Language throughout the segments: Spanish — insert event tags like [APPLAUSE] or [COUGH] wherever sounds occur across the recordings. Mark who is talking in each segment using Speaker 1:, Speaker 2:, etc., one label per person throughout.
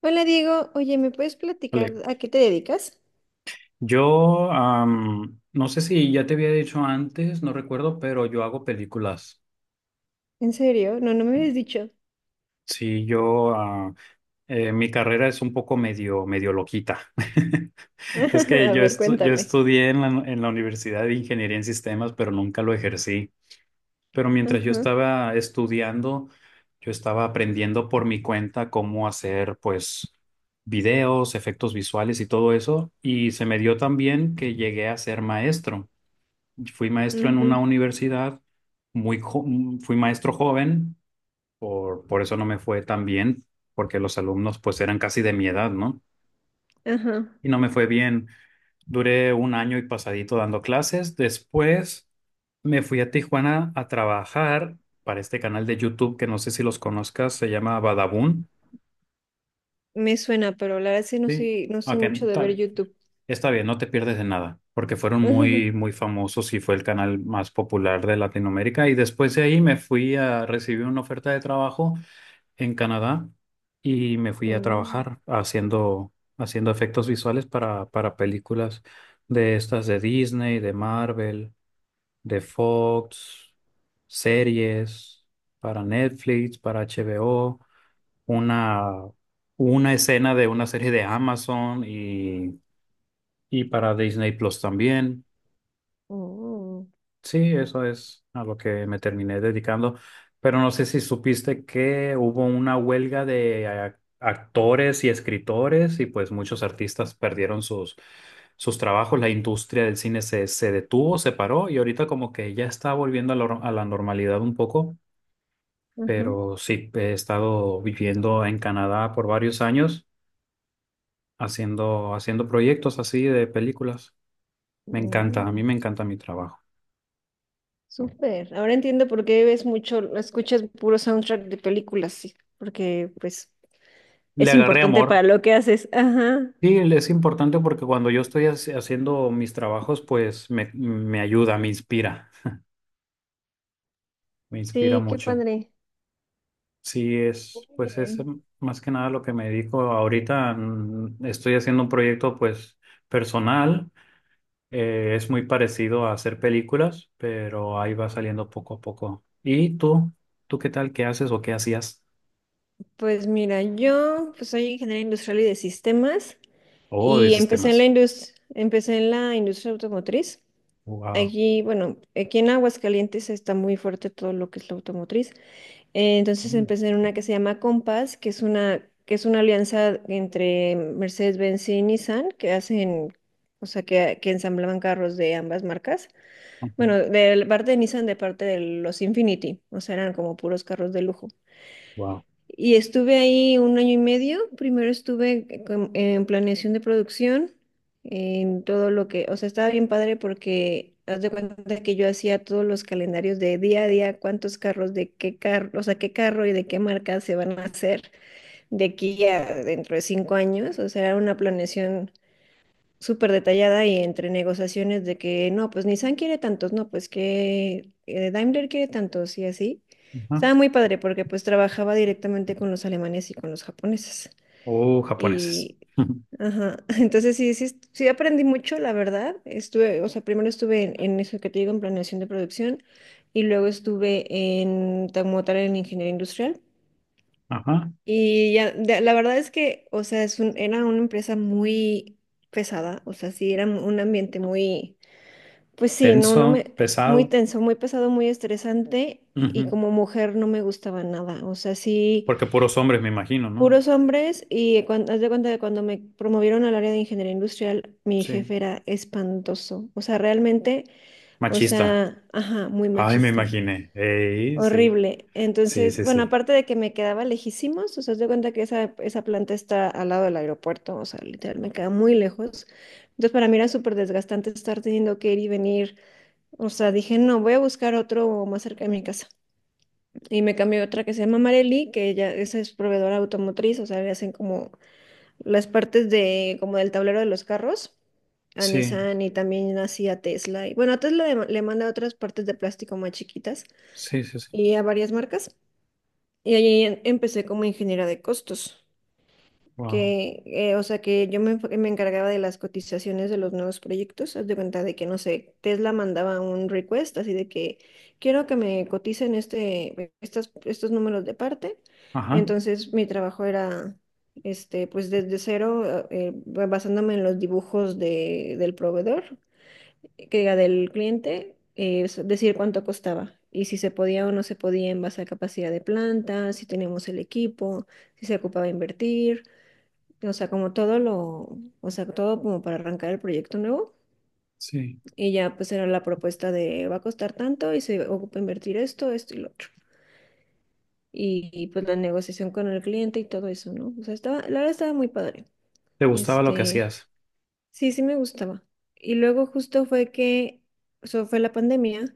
Speaker 1: Hola Diego, oye, ¿me puedes platicar
Speaker 2: Vale.
Speaker 1: a qué te dedicas?
Speaker 2: No sé si ya te había dicho antes, no recuerdo, pero yo hago películas.
Speaker 1: ¿En serio? No, no me habías dicho.
Speaker 2: Sí, yo ah, Mi carrera es un poco medio loquita. [LAUGHS] Es que
Speaker 1: [LAUGHS] A ver,
Speaker 2: yo
Speaker 1: cuéntame.
Speaker 2: estudié en la Universidad de Ingeniería en Sistemas, pero nunca lo ejercí. Pero mientras yo
Speaker 1: Ajá,
Speaker 2: estaba estudiando, yo estaba aprendiendo por mi cuenta cómo hacer, pues, videos, efectos visuales y todo eso. Y se me dio también que llegué a ser maestro. Fui maestro en una
Speaker 1: ujú,
Speaker 2: universidad, muy jo- fui maestro joven, por eso no me fue tan bien, porque los alumnos pues eran casi de mi edad, ¿no?
Speaker 1: ajá.
Speaker 2: Y no me fue bien. Duré un año y pasadito dando clases. Después me fui a Tijuana a trabajar para este canal de YouTube que no sé si los conozcas, se llama Badabun.
Speaker 1: Me suena, pero la verdad sí no
Speaker 2: Sí.
Speaker 1: soy, no soy
Speaker 2: Ok,
Speaker 1: mucho de
Speaker 2: está-
Speaker 1: ver YouTube.
Speaker 2: Está bien, no te pierdes de nada, porque fueron
Speaker 1: [LAUGHS] Ajá.
Speaker 2: muy, muy famosos y fue el canal más popular de Latinoamérica. Y después de ahí me fui a recibir una oferta de trabajo en Canadá y me fui a
Speaker 1: Oh,
Speaker 2: trabajar haciendo efectos visuales para películas de estas de Disney, de Marvel, de Fox, series, para Netflix, para HBO, una, una escena de una serie de Amazon y para Disney Plus también.
Speaker 1: oh,
Speaker 2: Sí, eso es a lo que me terminé dedicando. Pero no sé si supiste que hubo una huelga de actores y escritores y pues muchos artistas perdieron sus, sus trabajos. La industria del cine se detuvo, se paró y ahorita como que ya está volviendo a la normalidad un poco.
Speaker 1: ajá,
Speaker 2: Pero sí, he estado viviendo en Canadá por varios años haciendo proyectos así de películas. Me encanta, a
Speaker 1: oh.
Speaker 2: mí me encanta mi trabajo.
Speaker 1: Súper. Ahora entiendo por qué ves mucho, escuchas puro soundtrack de películas, sí, porque pues
Speaker 2: Le
Speaker 1: es
Speaker 2: agarré
Speaker 1: importante
Speaker 2: amor.
Speaker 1: para lo que haces. Ajá.
Speaker 2: Sí, es importante porque cuando yo estoy haciendo mis trabajos, pues me ayuda, me inspira
Speaker 1: Sí, qué
Speaker 2: mucho.
Speaker 1: padre.
Speaker 2: Sí,
Speaker 1: Muy
Speaker 2: es, pues es
Speaker 1: bien.
Speaker 2: más que nada lo que me dedico ahorita. Estoy haciendo un proyecto, pues, personal. Es muy parecido a hacer películas, pero ahí va saliendo poco a poco. ¿Y tú? ¿Tú qué tal? ¿Qué haces o qué hacías?
Speaker 1: Pues mira, yo pues soy ingeniera industrial y de sistemas
Speaker 2: Oh, de
Speaker 1: y
Speaker 2: sistemas.
Speaker 1: empecé en la industria automotriz.
Speaker 2: Wow.
Speaker 1: Aquí, bueno, aquí en Aguascalientes está muy fuerte todo lo que es la automotriz. Entonces empecé en una que se llama Compass, que es una alianza entre Mercedes-Benz y Nissan que hacen, o sea, que ensamblaban carros de ambas marcas. Bueno, de la parte de Nissan, de parte de los Infinity, o sea, eran como puros carros de lujo.
Speaker 2: Wow.
Speaker 1: Y estuve ahí un año y medio. Primero en planeación de producción, en todo lo que, o sea, estaba bien padre porque haz de cuenta que yo hacía todos los calendarios de día a día, cuántos carros, de qué carro, o sea, qué carro y de qué marca se van a hacer de aquí a dentro de cinco años. O sea, era una planeación súper detallada y entre negociaciones de que no, pues Nissan quiere tantos, no, pues que Daimler quiere tantos y así.
Speaker 2: Ajá.
Speaker 1: Estaba muy padre porque pues trabajaba directamente con los alemanes y con los japoneses.
Speaker 2: Oh, japoneses.
Speaker 1: Y,
Speaker 2: [LAUGHS]
Speaker 1: ajá, [LAUGHS] entonces sí, sí, sí aprendí mucho, la verdad. Estuve, o sea, primero estuve en eso que te digo, en planeación de producción y luego estuve en, como tal, en ingeniería industrial.
Speaker 2: Ajá.
Speaker 1: Y ya, la verdad es que, o sea, era una empresa muy pesada, o sea, sí, era un ambiente muy, pues sí, no, no
Speaker 2: Tenso,
Speaker 1: me, muy
Speaker 2: pesado.
Speaker 1: tenso, muy pesado, muy estresante, y
Speaker 2: Ujú.
Speaker 1: como mujer no me gustaba nada, o sea, sí,
Speaker 2: Porque puros hombres, me imagino, ¿no?
Speaker 1: puros hombres, y cuando, haz de cuenta que cuando me promovieron al área de ingeniería industrial, mi
Speaker 2: Sí.
Speaker 1: jefe era espantoso, o sea, realmente, o
Speaker 2: Machista.
Speaker 1: sea, ajá, muy
Speaker 2: Ay, me
Speaker 1: machista.
Speaker 2: imaginé. Ey, sí.
Speaker 1: Horrible.
Speaker 2: Sí,
Speaker 1: Entonces,
Speaker 2: sí,
Speaker 1: bueno,
Speaker 2: sí.
Speaker 1: aparte de que me quedaba lejísimos, o sea, te cuenta que esa planta está al lado del aeropuerto, o sea, literal, me queda muy lejos. Entonces, para mí era súper desgastante estar teniendo que ir y venir. O sea, dije, no, voy a buscar otro más cerca de mi casa. Y me cambié a otra que se llama Marelli, que ella, esa es proveedora automotriz, o sea, le hacen como como del tablero de los carros a
Speaker 2: Sí,
Speaker 1: Nissan y también así a Tesla. Y bueno, a Tesla le manda otras partes de plástico más chiquitas
Speaker 2: sí, sí, sí.
Speaker 1: y a varias marcas. Y ahí empecé como ingeniera de costos,
Speaker 2: Wow.
Speaker 1: que, o sea, que me encargaba de las cotizaciones de los nuevos proyectos. Haz de cuenta de que, no sé, Tesla mandaba un request así de que quiero que me coticen estos números de parte.
Speaker 2: Ajá.
Speaker 1: Entonces, mi trabajo era, este, pues desde cero, basándome en los dibujos del proveedor que diga del cliente, es decir cuánto costaba y si se podía o no se podía en base a capacidad de planta, si teníamos el equipo, si se ocupaba invertir, o sea, como todo lo, o sea, todo como para arrancar el proyecto nuevo
Speaker 2: Sí.
Speaker 1: y ya pues era la propuesta de va a costar tanto y se ocupa invertir esto, esto y lo otro. Y pues la negociación con el cliente y todo eso, ¿no? O sea, estaba, la verdad estaba muy padre.
Speaker 2: ¿Te gustaba lo que
Speaker 1: Este,
Speaker 2: hacías?
Speaker 1: sí, sí me gustaba. Y luego justo fue que, eso fue la pandemia.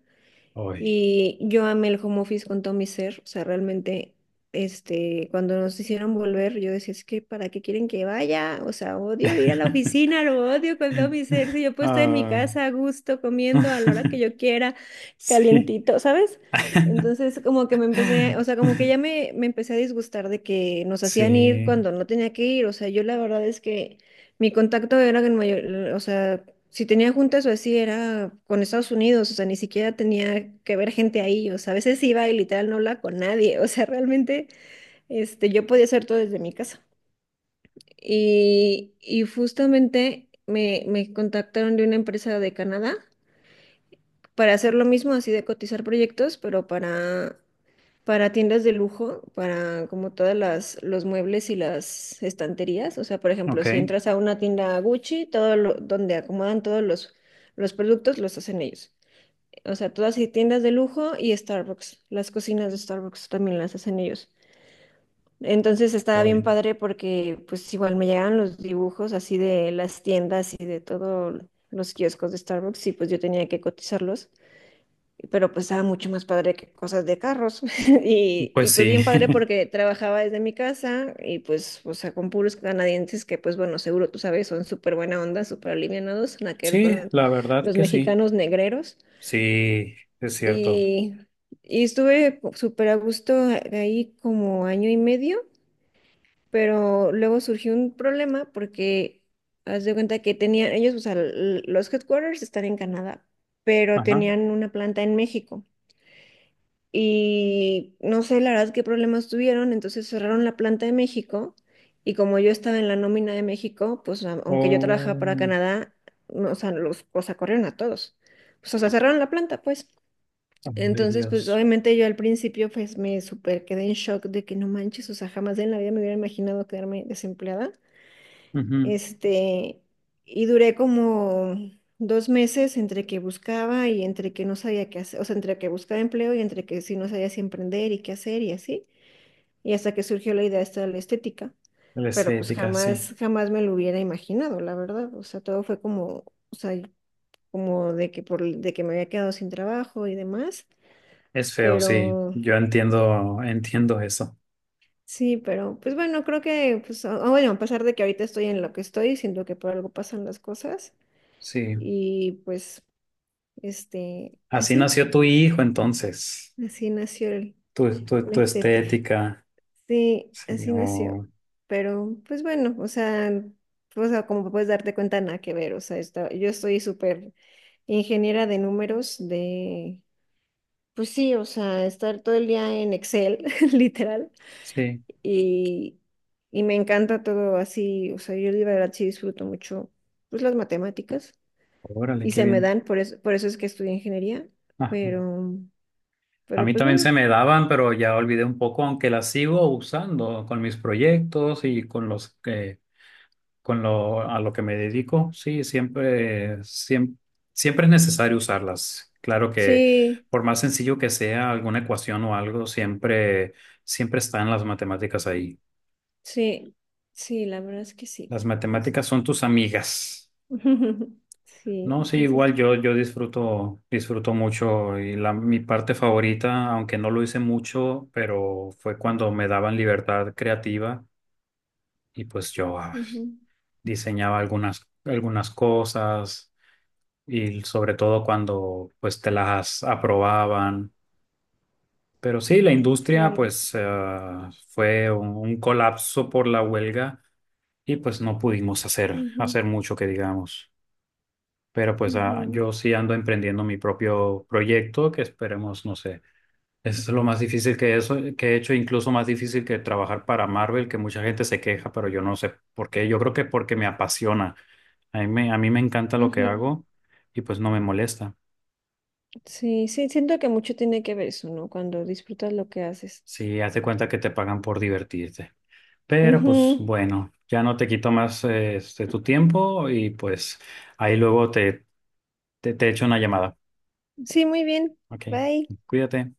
Speaker 2: Hoy.
Speaker 1: Y yo amé el home office con todo mi ser, o sea, realmente, este, cuando nos hicieron volver, yo decía, es que ¿para qué quieren que vaya? O sea, odio ir a la
Speaker 2: [LAUGHS]
Speaker 1: oficina, lo odio con todo mi ser, si yo puedo estar en mi
Speaker 2: Ay.
Speaker 1: casa a gusto, comiendo a la hora que
Speaker 2: [LAUGHS]
Speaker 1: yo quiera,
Speaker 2: Sí.
Speaker 1: calientito, ¿sabes? Entonces, como que o sea, como que
Speaker 2: [LAUGHS]
Speaker 1: ya me empecé a disgustar de que nos hacían ir
Speaker 2: Sí.
Speaker 1: cuando no tenía que ir, o sea, yo la verdad es que mi contacto era, o sea, si tenía juntas o así era con Estados Unidos, o sea, ni siquiera tenía que ver gente ahí, o sea, a veces iba y literal no hablaba con nadie, [LAUGHS] o sea, realmente este, yo podía hacer todo desde mi casa. Y justamente me contactaron de una empresa de Canadá para hacer lo mismo, así de cotizar proyectos, pero para tiendas de lujo, para como todas los muebles y las estanterías, o sea, por ejemplo,
Speaker 2: Ok.
Speaker 1: si entras a una tienda Gucci, todo lo, donde acomodan los productos los hacen ellos. O sea, todas hay tiendas de lujo y Starbucks. Las cocinas de Starbucks también las hacen ellos. Entonces estaba bien
Speaker 2: Hoy.
Speaker 1: padre porque pues igual me llegaban los dibujos así de las tiendas y de todos los kioscos de Starbucks y pues yo tenía que cotizarlos. Pero pues estaba mucho más padre que cosas de carros. [LAUGHS] Y, y
Speaker 2: Pues
Speaker 1: pues
Speaker 2: sí.
Speaker 1: bien padre
Speaker 2: [LAUGHS]
Speaker 1: porque trabajaba desde mi casa y pues, o sea, con puros canadienses que pues bueno, seguro tú sabes, son súper buena onda, súper alivianados, nada que ver con
Speaker 2: Sí, la verdad
Speaker 1: los
Speaker 2: que sí.
Speaker 1: mexicanos negreros.
Speaker 2: Sí, es cierto.
Speaker 1: Y, y estuve súper a gusto ahí como año y medio, pero luego surgió un problema porque haz de cuenta que tenían ellos, o sea, los headquarters están en Canadá, pero
Speaker 2: Ajá.
Speaker 1: tenían una planta en México. Y no sé la verdad qué problemas tuvieron, entonces cerraron la planta de México y como yo estaba en la nómina de México, pues aunque yo trabajaba para
Speaker 2: Oh.
Speaker 1: Canadá, no, o sea, los, o sea, corrieron a todos. Pues, o sea, cerraron la planta, pues.
Speaker 2: Ay,
Speaker 1: Entonces, pues
Speaker 2: Dios.
Speaker 1: obviamente yo al principio pues me super quedé en shock de que no manches, o sea, jamás en la vida me hubiera imaginado quedarme desempleada.
Speaker 2: Ujú.
Speaker 1: Este, y duré como dos meses entre que buscaba y entre que no sabía qué hacer, o sea, entre que buscaba empleo y entre que sí no sabía si emprender y qué hacer y así. Y hasta que surgió la idea esta de la estética,
Speaker 2: La
Speaker 1: pero pues
Speaker 2: estética, sí.
Speaker 1: jamás, jamás me lo hubiera imaginado, la verdad. O sea, todo fue como, o sea, como de que por, de que me había quedado sin trabajo y demás,
Speaker 2: Es feo, sí.
Speaker 1: pero
Speaker 2: Yo entiendo, entiendo eso.
Speaker 1: sí, pero pues bueno, creo que, pues, bueno, a pesar de que ahorita estoy en lo que estoy, siento que por algo pasan las cosas
Speaker 2: Sí.
Speaker 1: y pues, este,
Speaker 2: Así
Speaker 1: así,
Speaker 2: nació tu hijo, entonces.
Speaker 1: así nació el-
Speaker 2: Tu, tu,
Speaker 1: la
Speaker 2: tu
Speaker 1: estética.
Speaker 2: estética.
Speaker 1: Sí,
Speaker 2: Sí.
Speaker 1: así nació.
Speaker 2: O-.
Speaker 1: Pero pues bueno, o sea, como puedes darte cuenta, nada que ver, o sea, yo estoy súper ingeniera de números, de, pues sí, o sea, estar todo el día en Excel, [LAUGHS] literal.
Speaker 2: Sí.
Speaker 1: Y, y me encanta todo así, o sea, yo de verdad sí disfruto mucho pues las matemáticas
Speaker 2: Órale,
Speaker 1: y
Speaker 2: qué
Speaker 1: se me
Speaker 2: bien.
Speaker 1: dan, por eso es que estudié ingeniería,
Speaker 2: Ajá.
Speaker 1: pero,
Speaker 2: A
Speaker 1: pero
Speaker 2: mí
Speaker 1: pues
Speaker 2: también
Speaker 1: bueno,
Speaker 2: se me daban, pero ya olvidé un poco, aunque las sigo usando con mis proyectos y con los que. Con a lo que me dedico, sí, siempre, siempre, siempre es necesario usarlas. Claro que
Speaker 1: sí,
Speaker 2: por más sencillo que sea alguna ecuación o algo, siempre, siempre están las matemáticas ahí.
Speaker 1: sí, sí, la verdad es que sí.
Speaker 2: Las
Speaker 1: Entonces,
Speaker 2: matemáticas son tus amigas.
Speaker 1: [LAUGHS] sí,
Speaker 2: No, sí,
Speaker 1: entonces,
Speaker 2: igual yo disfruto, disfruto mucho y mi parte favorita, aunque no lo hice mucho, pero fue cuando me daban libertad creativa y pues
Speaker 1: ujú,
Speaker 2: diseñaba algunas, algunas cosas y sobre todo cuando pues te las aprobaban. Pero sí, la industria
Speaker 1: sí,
Speaker 2: pues fue un colapso por la huelga y pues no pudimos hacer,
Speaker 1: ujú,
Speaker 2: hacer mucho que digamos. Pero pues
Speaker 1: ujú,
Speaker 2: yo sí ando emprendiendo mi propio proyecto que esperemos, no sé, es lo más difícil que eso, que he hecho, incluso más difícil que trabajar para Marvel, que mucha gente se queja, pero yo no sé por qué. Yo creo que porque me apasiona. A mí me encanta lo que
Speaker 1: ujú.
Speaker 2: hago y pues no me molesta.
Speaker 1: Sí, sí, siento que mucho tiene que ver eso, ¿no? Cuando disfrutas lo que haces.
Speaker 2: Sí, haz de cuenta que te pagan por divertirte. Pero pues
Speaker 1: Ujú.
Speaker 2: bueno, ya no te quito más este, tu tiempo y pues ahí luego te echo una llamada.
Speaker 1: Sí, muy bien.
Speaker 2: Ok,
Speaker 1: Bye.
Speaker 2: cuídate.